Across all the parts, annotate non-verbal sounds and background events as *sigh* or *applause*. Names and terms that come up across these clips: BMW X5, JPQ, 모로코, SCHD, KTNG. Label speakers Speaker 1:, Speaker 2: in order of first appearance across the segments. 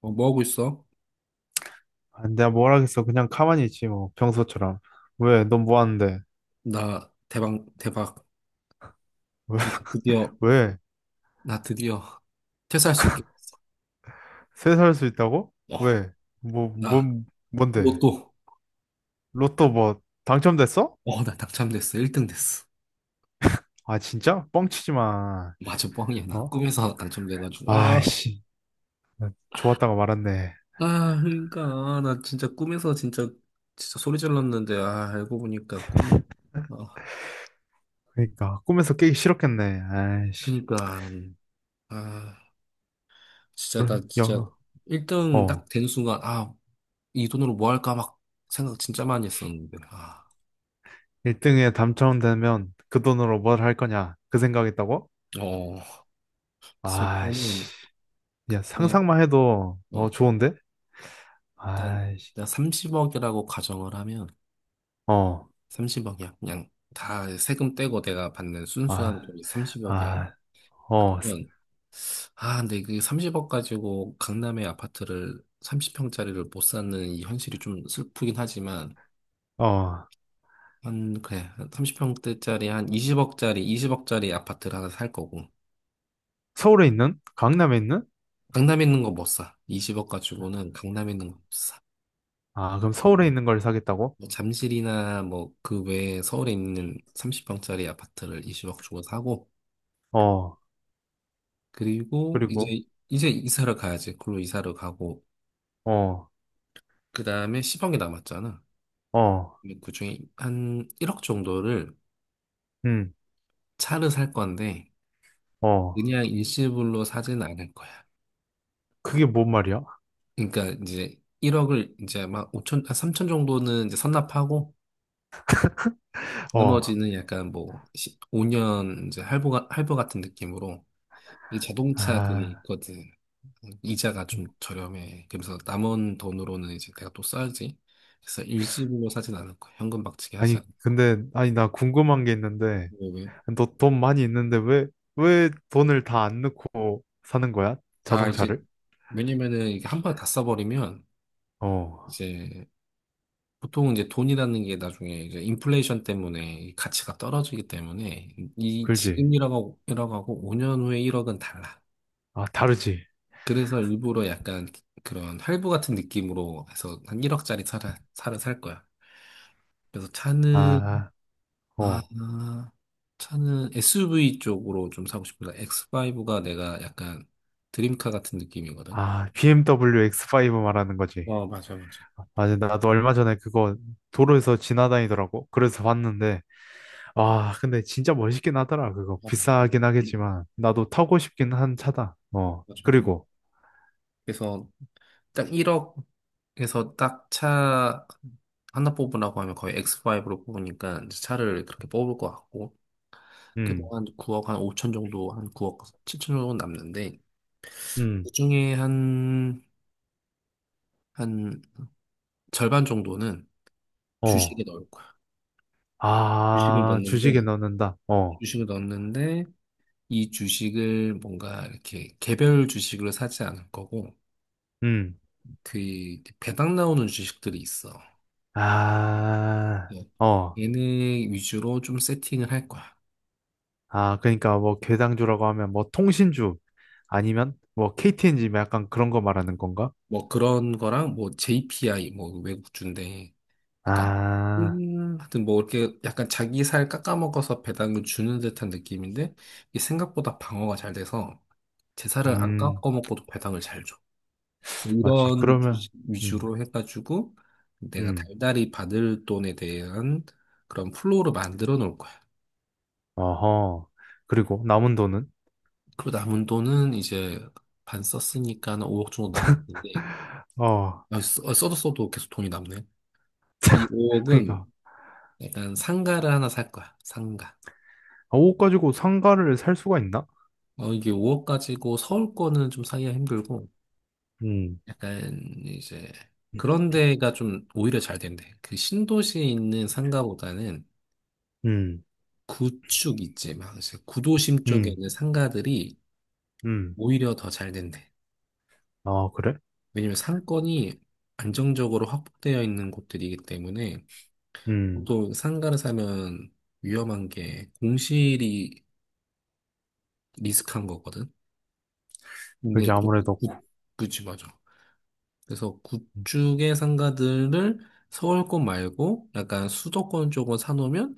Speaker 1: 어, 뭐 하고 있어?
Speaker 2: 아, 내가 뭘 하겠어. 그냥 가만히 있지, 뭐. 평소처럼. 왜? 넌 뭐 하는데?
Speaker 1: 나 대박, 대박. 나 드디어,
Speaker 2: *laughs* 왜?
Speaker 1: 나 드디어 퇴사할 수 있게 됐어.
Speaker 2: 세살 수 있다고?
Speaker 1: 어,
Speaker 2: 왜? 뭐,
Speaker 1: 나
Speaker 2: 뭔데?
Speaker 1: 로또.
Speaker 2: 로또 뭐, 당첨됐어?
Speaker 1: 어, 나 당첨됐어. 1등 됐어.
Speaker 2: 아, 진짜? 뻥치지 마.
Speaker 1: 맞아, 뻥이야. 나
Speaker 2: 어?
Speaker 1: 꿈에서 당첨돼가지고. 아,
Speaker 2: 아이씨. 좋았다가 말았네.
Speaker 1: 아, 그러니까. 나 진짜 꿈에서 진짜, 진짜 소리 질렀는데, 아, 알고 보니까 꿈이, 아,
Speaker 2: 그러니까, 꿈에서 깨기 싫었겠네. 아이씨.
Speaker 1: 그니까. 아, 진짜 나
Speaker 2: 그래,
Speaker 1: 진짜
Speaker 2: 야,
Speaker 1: 1등
Speaker 2: 어.
Speaker 1: 딱 된 순간, 아, 이 돈으로 뭐 할까 막 생각 진짜 많이 했었는데, 아,
Speaker 2: 1등에 당첨되면 그 돈으로 뭘 할 거냐? 그 생각했다고?
Speaker 1: 어. 그래서
Speaker 2: 아이씨.
Speaker 1: 일단은
Speaker 2: 야,
Speaker 1: 예,
Speaker 2: 상상만 해도, 어,
Speaker 1: 어,
Speaker 2: 좋은데?
Speaker 1: 일단,
Speaker 2: 아이씨.
Speaker 1: 내가 30억이라고 가정을 하면,
Speaker 2: 어.
Speaker 1: 30억이야. 그냥 다 세금 떼고 내가 받는 순수한
Speaker 2: 아,
Speaker 1: 돈이 30억이야.
Speaker 2: 아, 어,
Speaker 1: 그러면, 아, 근데 그 30억 가지고 강남의 아파트를 30평짜리를 못 사는 이 현실이 좀 슬프긴 하지만,
Speaker 2: 어,
Speaker 1: 한, 그래, 30평대짜리 한 20억짜리 아파트를 하나 살 거고,
Speaker 2: 서울에 있는? 강남에 있는?
Speaker 1: 강남에 있는 거 못 사. 20억 가지고는 강남에 있는 거 못 사.
Speaker 2: 아, 그럼 서울에 있는 걸 사겠다고?
Speaker 1: 뭐 잠실이나 뭐 그 외에 서울에 있는 30평짜리 아파트를 20억 주고 사고
Speaker 2: 어,
Speaker 1: 그리고
Speaker 2: 그리고,
Speaker 1: 이제 이사를 가야지. 그걸로 이사를 가고
Speaker 2: 어,
Speaker 1: 그다음에 10억이 남았잖아.
Speaker 2: 어,
Speaker 1: 근데 그중에 한 1억 정도를
Speaker 2: 음,
Speaker 1: 차를 살 건데
Speaker 2: 어,
Speaker 1: 그냥 일시불로 사진 않을 거야.
Speaker 2: 그게 뭔 말이야?
Speaker 1: 그러니까 이제 1억을 이제 막 5천, 아, 3천 정도는 이제 선납하고
Speaker 2: *laughs* 어,
Speaker 1: 나머지는 약간 뭐 5년 이제 할부 같은 느낌으로 이 자동차 그게
Speaker 2: 아,
Speaker 1: 있거든. 이자가 좀 저렴해. 그래서 남은 돈으로는 이제 내가 또 써야지. 그래서 일시불로 사진 않을 거야. 현금 박치기 하지 않
Speaker 2: 아니, 나 궁금한 게 있는데,
Speaker 1: 왜?
Speaker 2: 너 돈 많이 있는데 왜, 왜 돈을 다 안 넣고 사는 거야?
Speaker 1: 아, 이제,
Speaker 2: 자동차를?
Speaker 1: 왜냐면은 이게 한 번에 다 써버리면
Speaker 2: 어,
Speaker 1: 이제 보통 이제 돈이라는 게 나중에 이제 인플레이션 때문에 이 가치가 떨어지기 때문에 이
Speaker 2: 그지?
Speaker 1: 지금 1억 하고 억 하고 5년 후에 1억은 달라.
Speaker 2: 아, 다르지?
Speaker 1: 그래서 일부러 약간 그런 할부 같은 느낌으로 해서 한 1억짜리 차를 살 거야. 그래서
Speaker 2: 아,
Speaker 1: 아,
Speaker 2: 어,
Speaker 1: 차는 SUV 쪽으로 좀 사고 싶다. X5가 내가 약간 드림카 같은 느낌이거든.
Speaker 2: 아, BMW X5 말하는 거지?
Speaker 1: 어, 맞아, 맞아.
Speaker 2: 맞아, 나도 얼마 전에 그거 도로에서 지나다니더라고. 그래서 봤는데, 와, 근데 진짜 멋있긴 하더라, 그거.
Speaker 1: 어 맞아.
Speaker 2: 비싸긴
Speaker 1: 음.
Speaker 2: 하겠지만, 나도 타고 싶긴 한 차다. 어,
Speaker 1: 맞아.
Speaker 2: 그리고,
Speaker 1: 그래서 딱 1억에서 딱 차 하나 뽑으라고 하면 거의 X5로 뽑으니까 이제 차를 그렇게 뽑을 것 같고, 그래도
Speaker 2: 음,
Speaker 1: 한 9억, 한 5천 정도, 한 9억, 7천 정도 남는데,
Speaker 2: 음,
Speaker 1: 그중에 한 절반 정도는 주식에
Speaker 2: 어,
Speaker 1: 넣을 거야. 주식을
Speaker 2: 아, 주식에
Speaker 1: 넣는데,
Speaker 2: 넣는다. 어,
Speaker 1: 주식을 넣는데, 이 주식을 뭔가 이렇게 개별 주식으로 사지 않을 거고
Speaker 2: 음,
Speaker 1: 그 배당 나오는 주식들이 있어.
Speaker 2: 아,
Speaker 1: 뭐
Speaker 2: 어,
Speaker 1: 얘네 위주로 좀 세팅을 할 거야.
Speaker 2: 아, 그러니까 뭐 괴당주라고 하면 뭐 통신주 아니면 뭐 KTNG 약간 그런 거 말하는 건가?
Speaker 1: 뭐 그런 거랑 뭐 JPI 뭐 외국주인데 약간
Speaker 2: 아,
Speaker 1: 하여튼 뭐 이렇게 약간 자기 살 깎아먹어서 배당을 주는 듯한 느낌인데 이게 생각보다 방어가 잘 돼서 제 살을 안
Speaker 2: 음,
Speaker 1: 깎아먹고도 배당을 잘 줘. 그래서
Speaker 2: 맞지.
Speaker 1: 이런
Speaker 2: 그러면, 음,
Speaker 1: 위주로 해가지고 내가
Speaker 2: 음.
Speaker 1: 달달이 받을 돈에 대한 그런 플로우를 만들어 놓을 거야.
Speaker 2: 아하. 그리고 남은 돈은?
Speaker 1: 그리고 남은 돈은 이제 반 썼으니까 한 5억 정도 남을 텐데
Speaker 2: 아,
Speaker 1: 아, 써도 써도 계속 돈이 남네. 이 5억은
Speaker 2: 그러니까
Speaker 1: 약간 상가를 하나 살 거야. 상가.
Speaker 2: 아, 옷 가지고 상가를 살 수가 있나?
Speaker 1: 어, 이게 5억 가지고 서울 거는 좀 사기가 힘들고
Speaker 2: 음,
Speaker 1: 약간 이제 그런 데가 좀 오히려 잘 된대. 그 신도시에 있는 상가보다는
Speaker 2: 음,
Speaker 1: 구축 있지. 막 그래서 구도심 쪽에
Speaker 2: 음,
Speaker 1: 있는 상가들이
Speaker 2: 음.
Speaker 1: 오히려 더 잘 된대.
Speaker 2: 아, 그래?
Speaker 1: 왜냐면 상권이 안정적으로 확보되어 있는 곳들이기 때문에
Speaker 2: 음,
Speaker 1: 보통 상가를 사면 위험한 게 공실이 리스크한 거거든. 근데
Speaker 2: 그지
Speaker 1: 그렇게
Speaker 2: 아무래도.
Speaker 1: 그치 맞아. 그래서 구축의 상가들을 서울권 말고 약간 수도권 쪽으로 사놓으면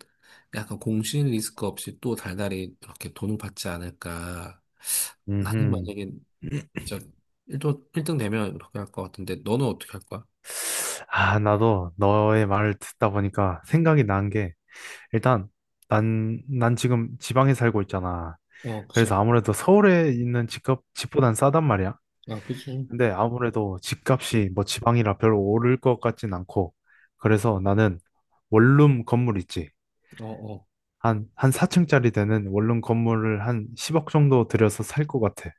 Speaker 1: 약간 공실 리스크 없이 또 달달이 이렇게 돈을 받지 않을까. 나는
Speaker 2: 음.
Speaker 1: 만약에 진짜 1등, 일등 되면 그렇게 할 것 같은데 너는 어떻게 할 거야?
Speaker 2: 아, 나도 너의 말을 듣다 보니까 생각이 난 게, 일단, 난 지금 지방에 살고 있잖아.
Speaker 1: 어, 그지?
Speaker 2: 그래서 아무래도 서울에 있는 집값, 집보단 싸단 말이야.
Speaker 1: 아, 그지?
Speaker 2: 근데 아무래도 집값이 뭐 지방이라 별로 오를 것 같진 않고, 그래서 나는 원룸 건물 있지.
Speaker 1: 어, 어.
Speaker 2: 한 4층짜리 되는 원룸 건물을 한 10억 정도 들여서 살 것 같아.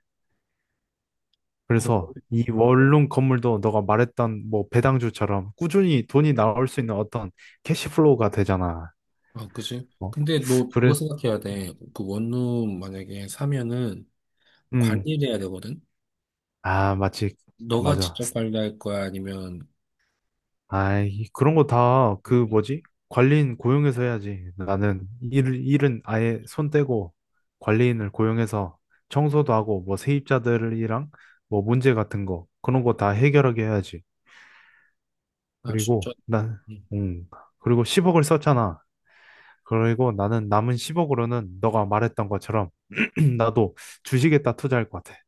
Speaker 1: 어,
Speaker 2: 그래서 이 원룸 건물도 너가 말했던 뭐 배당주처럼 꾸준히 돈이 나올 수 있는 어떤 캐시플로우가 되잖아.
Speaker 1: 아, 그지?
Speaker 2: 어?
Speaker 1: 근데 너
Speaker 2: 그래,
Speaker 1: 그거 생각해야 돼.
Speaker 2: 음,
Speaker 1: 그 원룸 만약에 사면은
Speaker 2: 음.
Speaker 1: 관리를 해야 되거든?
Speaker 2: 아, 마치,
Speaker 1: 너가
Speaker 2: 맞아.
Speaker 1: 직접 관리할 거야? 아니면
Speaker 2: 아, 그런 거 다 그 뭐지? 관리인 고용해서 해야지. 나는 일은 아예 손 떼고 관리인을 고용해서 청소도 하고 뭐 세입자들이랑 뭐 문제 같은 거 그런 거 다 해결하게 해야지.
Speaker 1: 아, 진짜.
Speaker 2: 그리고 난, 음, 그리고 10억을 썼잖아. 그리고 나는 남은 10억으로는 너가 말했던 것처럼 *clears throat* 나도 주식에다 투자할 것 같아.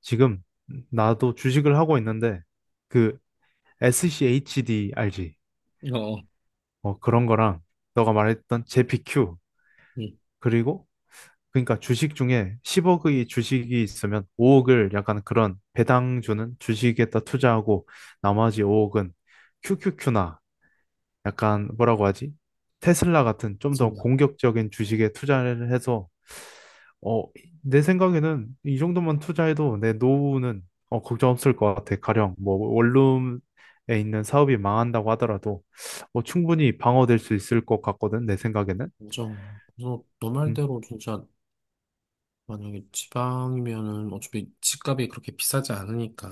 Speaker 2: 지금 나도 주식을 하고 있는데 그 SCHD 알지?
Speaker 1: 응. 어, 어.
Speaker 2: 어, 그런 거랑 너가 말했던 JPQ.
Speaker 1: 음,
Speaker 2: 그리고 그러니까 주식 중에 10억의 주식이 있으면 5억을 약간 그런 배당 주는 주식에다 투자하고 나머지 5억은 QQQ나, 약간 뭐라고 하지? 테슬라 같은 좀 더
Speaker 1: 정말.
Speaker 2: 공격적인 주식에 투자를 해서 어, 내 생각에는 이 정도만 투자해도 내 노후는, 어, 걱정 없을 것 같아. 가령 뭐 원룸에 있는 사업이 망한다고 하더라도 어, 충분히 방어될 수 있을 것 같거든. 내 생각에는.
Speaker 1: 인정. 그래서 너
Speaker 2: 음,
Speaker 1: 말대로 진짜 만약에 지방이면은 어차피 집값이 그렇게 비싸지 않으니까.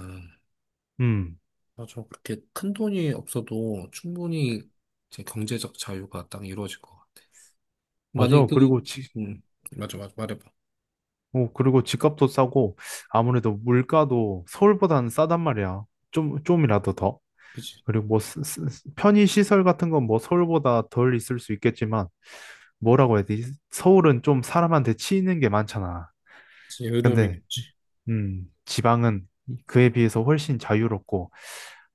Speaker 2: 음,
Speaker 1: 맞아. 그렇게 큰 돈이 없어도 충분히 제 경제적 자유가 딱 이루어질 것 같아. 만약에
Speaker 2: 맞아.
Speaker 1: 그,
Speaker 2: 그리고
Speaker 1: 음, 맞아, 맞아, 말해봐.
Speaker 2: 어, 그리고 집값도 싸고 아무래도 물가도 서울보다는 싸단 말이야. 좀 좀이라도 더.
Speaker 1: 그치.
Speaker 2: 그리고 뭐 편의 시설 같은 건 뭐 서울보다 덜 있을 수 있겠지만, 뭐라고 해야 되지? 서울은 좀 사람한테 치이는 게 많잖아.
Speaker 1: 그치, 여유로움이
Speaker 2: 근데
Speaker 1: 있지.
Speaker 2: 지방은 그에 비해서 훨씬 자유롭고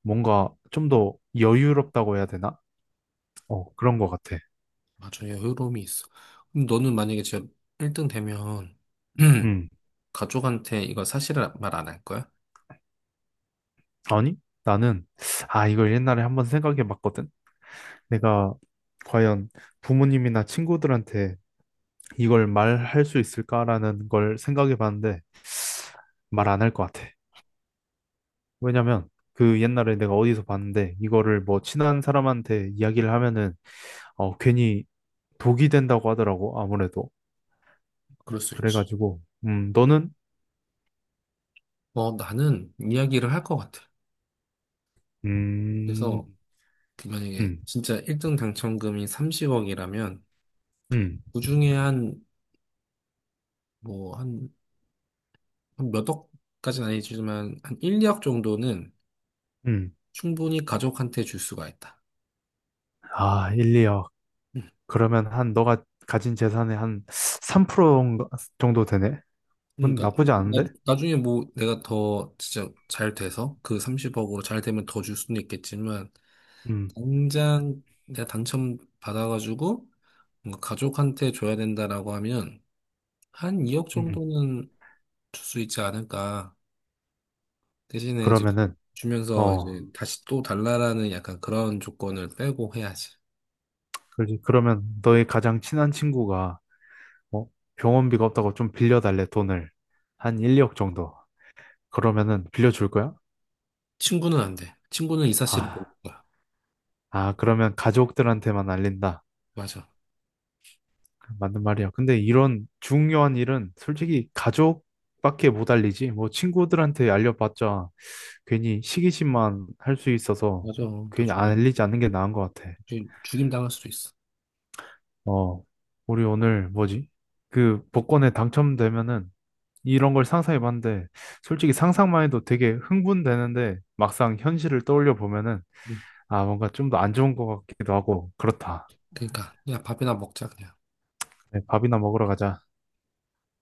Speaker 2: 뭔가 좀 더 여유롭다고 해야 되나? 어, 그런 것 같아.
Speaker 1: 맞아, 여유로움이 있어. 그럼 너는 만약에 진짜 1등 되면, *clears throat*
Speaker 2: 음,
Speaker 1: 가족한테 이거 사실을 말 안 할 거야?
Speaker 2: 아니? 나는, 아, 이걸 옛날에 한번 생각해 봤거든. 내가 과연 부모님이나 친구들한테 이걸 말할 수 있을까라는 걸 생각해 봤는데 말 안 할 것 같아. 왜냐면 그 옛날에 내가 어디서 봤는데 이거를 뭐 친한 사람한테 이야기를 하면은 어, 괜히 독이 된다고 하더라고. 아무래도.
Speaker 1: 그럴 수 있지.
Speaker 2: 그래가지고 음, 너는?
Speaker 1: 어, 나는 이야기를 할 것 같아. 그래서,
Speaker 2: 음.
Speaker 1: 그 만약에
Speaker 2: 음.
Speaker 1: 진짜 1등 당첨금이 30억이라면,
Speaker 2: 음.
Speaker 1: 그중에 한, 뭐, 한 몇 억까지는 아니지만 한 1, 2억 정도는
Speaker 2: 음.
Speaker 1: 충분히 가족한테 줄 수가 있다.
Speaker 2: 아, 1, 2억?
Speaker 1: 음.
Speaker 2: 그러면 한 너가 가진 재산의 한 3% 정도 되네. 그건
Speaker 1: 그러니까
Speaker 2: 나쁘지 않은데.
Speaker 1: 중에뭐 내가 더 진짜 잘 돼서 그 30억으로 잘 되면 더 줄 수는 있겠지만
Speaker 2: 음.
Speaker 1: 당장 내가 당첨 받아가지고 뭔가 가족한테 줘야 된다라고 하면 한 2억
Speaker 2: 음.
Speaker 1: 정도는 줄 수 있지 않을까. 대신에 이제
Speaker 2: 그러면은,
Speaker 1: 주면서
Speaker 2: 어,
Speaker 1: 이제 다시 또 달라라는 약간 그런 조건을 빼고 해야지.
Speaker 2: 그러지. 그러면 너의 가장 친한 친구가, 어, 병원비가 없다고 좀 빌려달래. 돈을 한 1, 2억 정도. 그러면은 빌려줄 거야?
Speaker 1: 친구는 안 돼. 친구는 이 사실을 모를
Speaker 2: 아,
Speaker 1: 거야.
Speaker 2: 아, 그러면 가족들한테만 알린다.
Speaker 1: 맞아.
Speaker 2: 맞는 말이야. 근데 이런 중요한 일은 솔직히 가족밖에 못 알리지. 뭐 친구들한테 알려봤자 괜히 시기심만 할 수 있어서,
Speaker 1: 맞아.
Speaker 2: 괜히 안
Speaker 1: 나중에
Speaker 2: 알리지 않는 게 나은 것 같아.
Speaker 1: 죽임 당할 수도 있어.
Speaker 2: 어, 우리 오늘 뭐지? 그 복권에 당첨되면은 이런 걸 상상해봤는데 솔직히 상상만 해도 되게 흥분되는데 막상 현실을 떠올려 보면은,
Speaker 1: 응.
Speaker 2: 아, 뭔가 좀 더 안 좋은 것 같기도 하고 그렇다.
Speaker 1: 그러니까 그냥 밥이나 먹자 그냥.
Speaker 2: 네, 밥이나 먹으러 가자.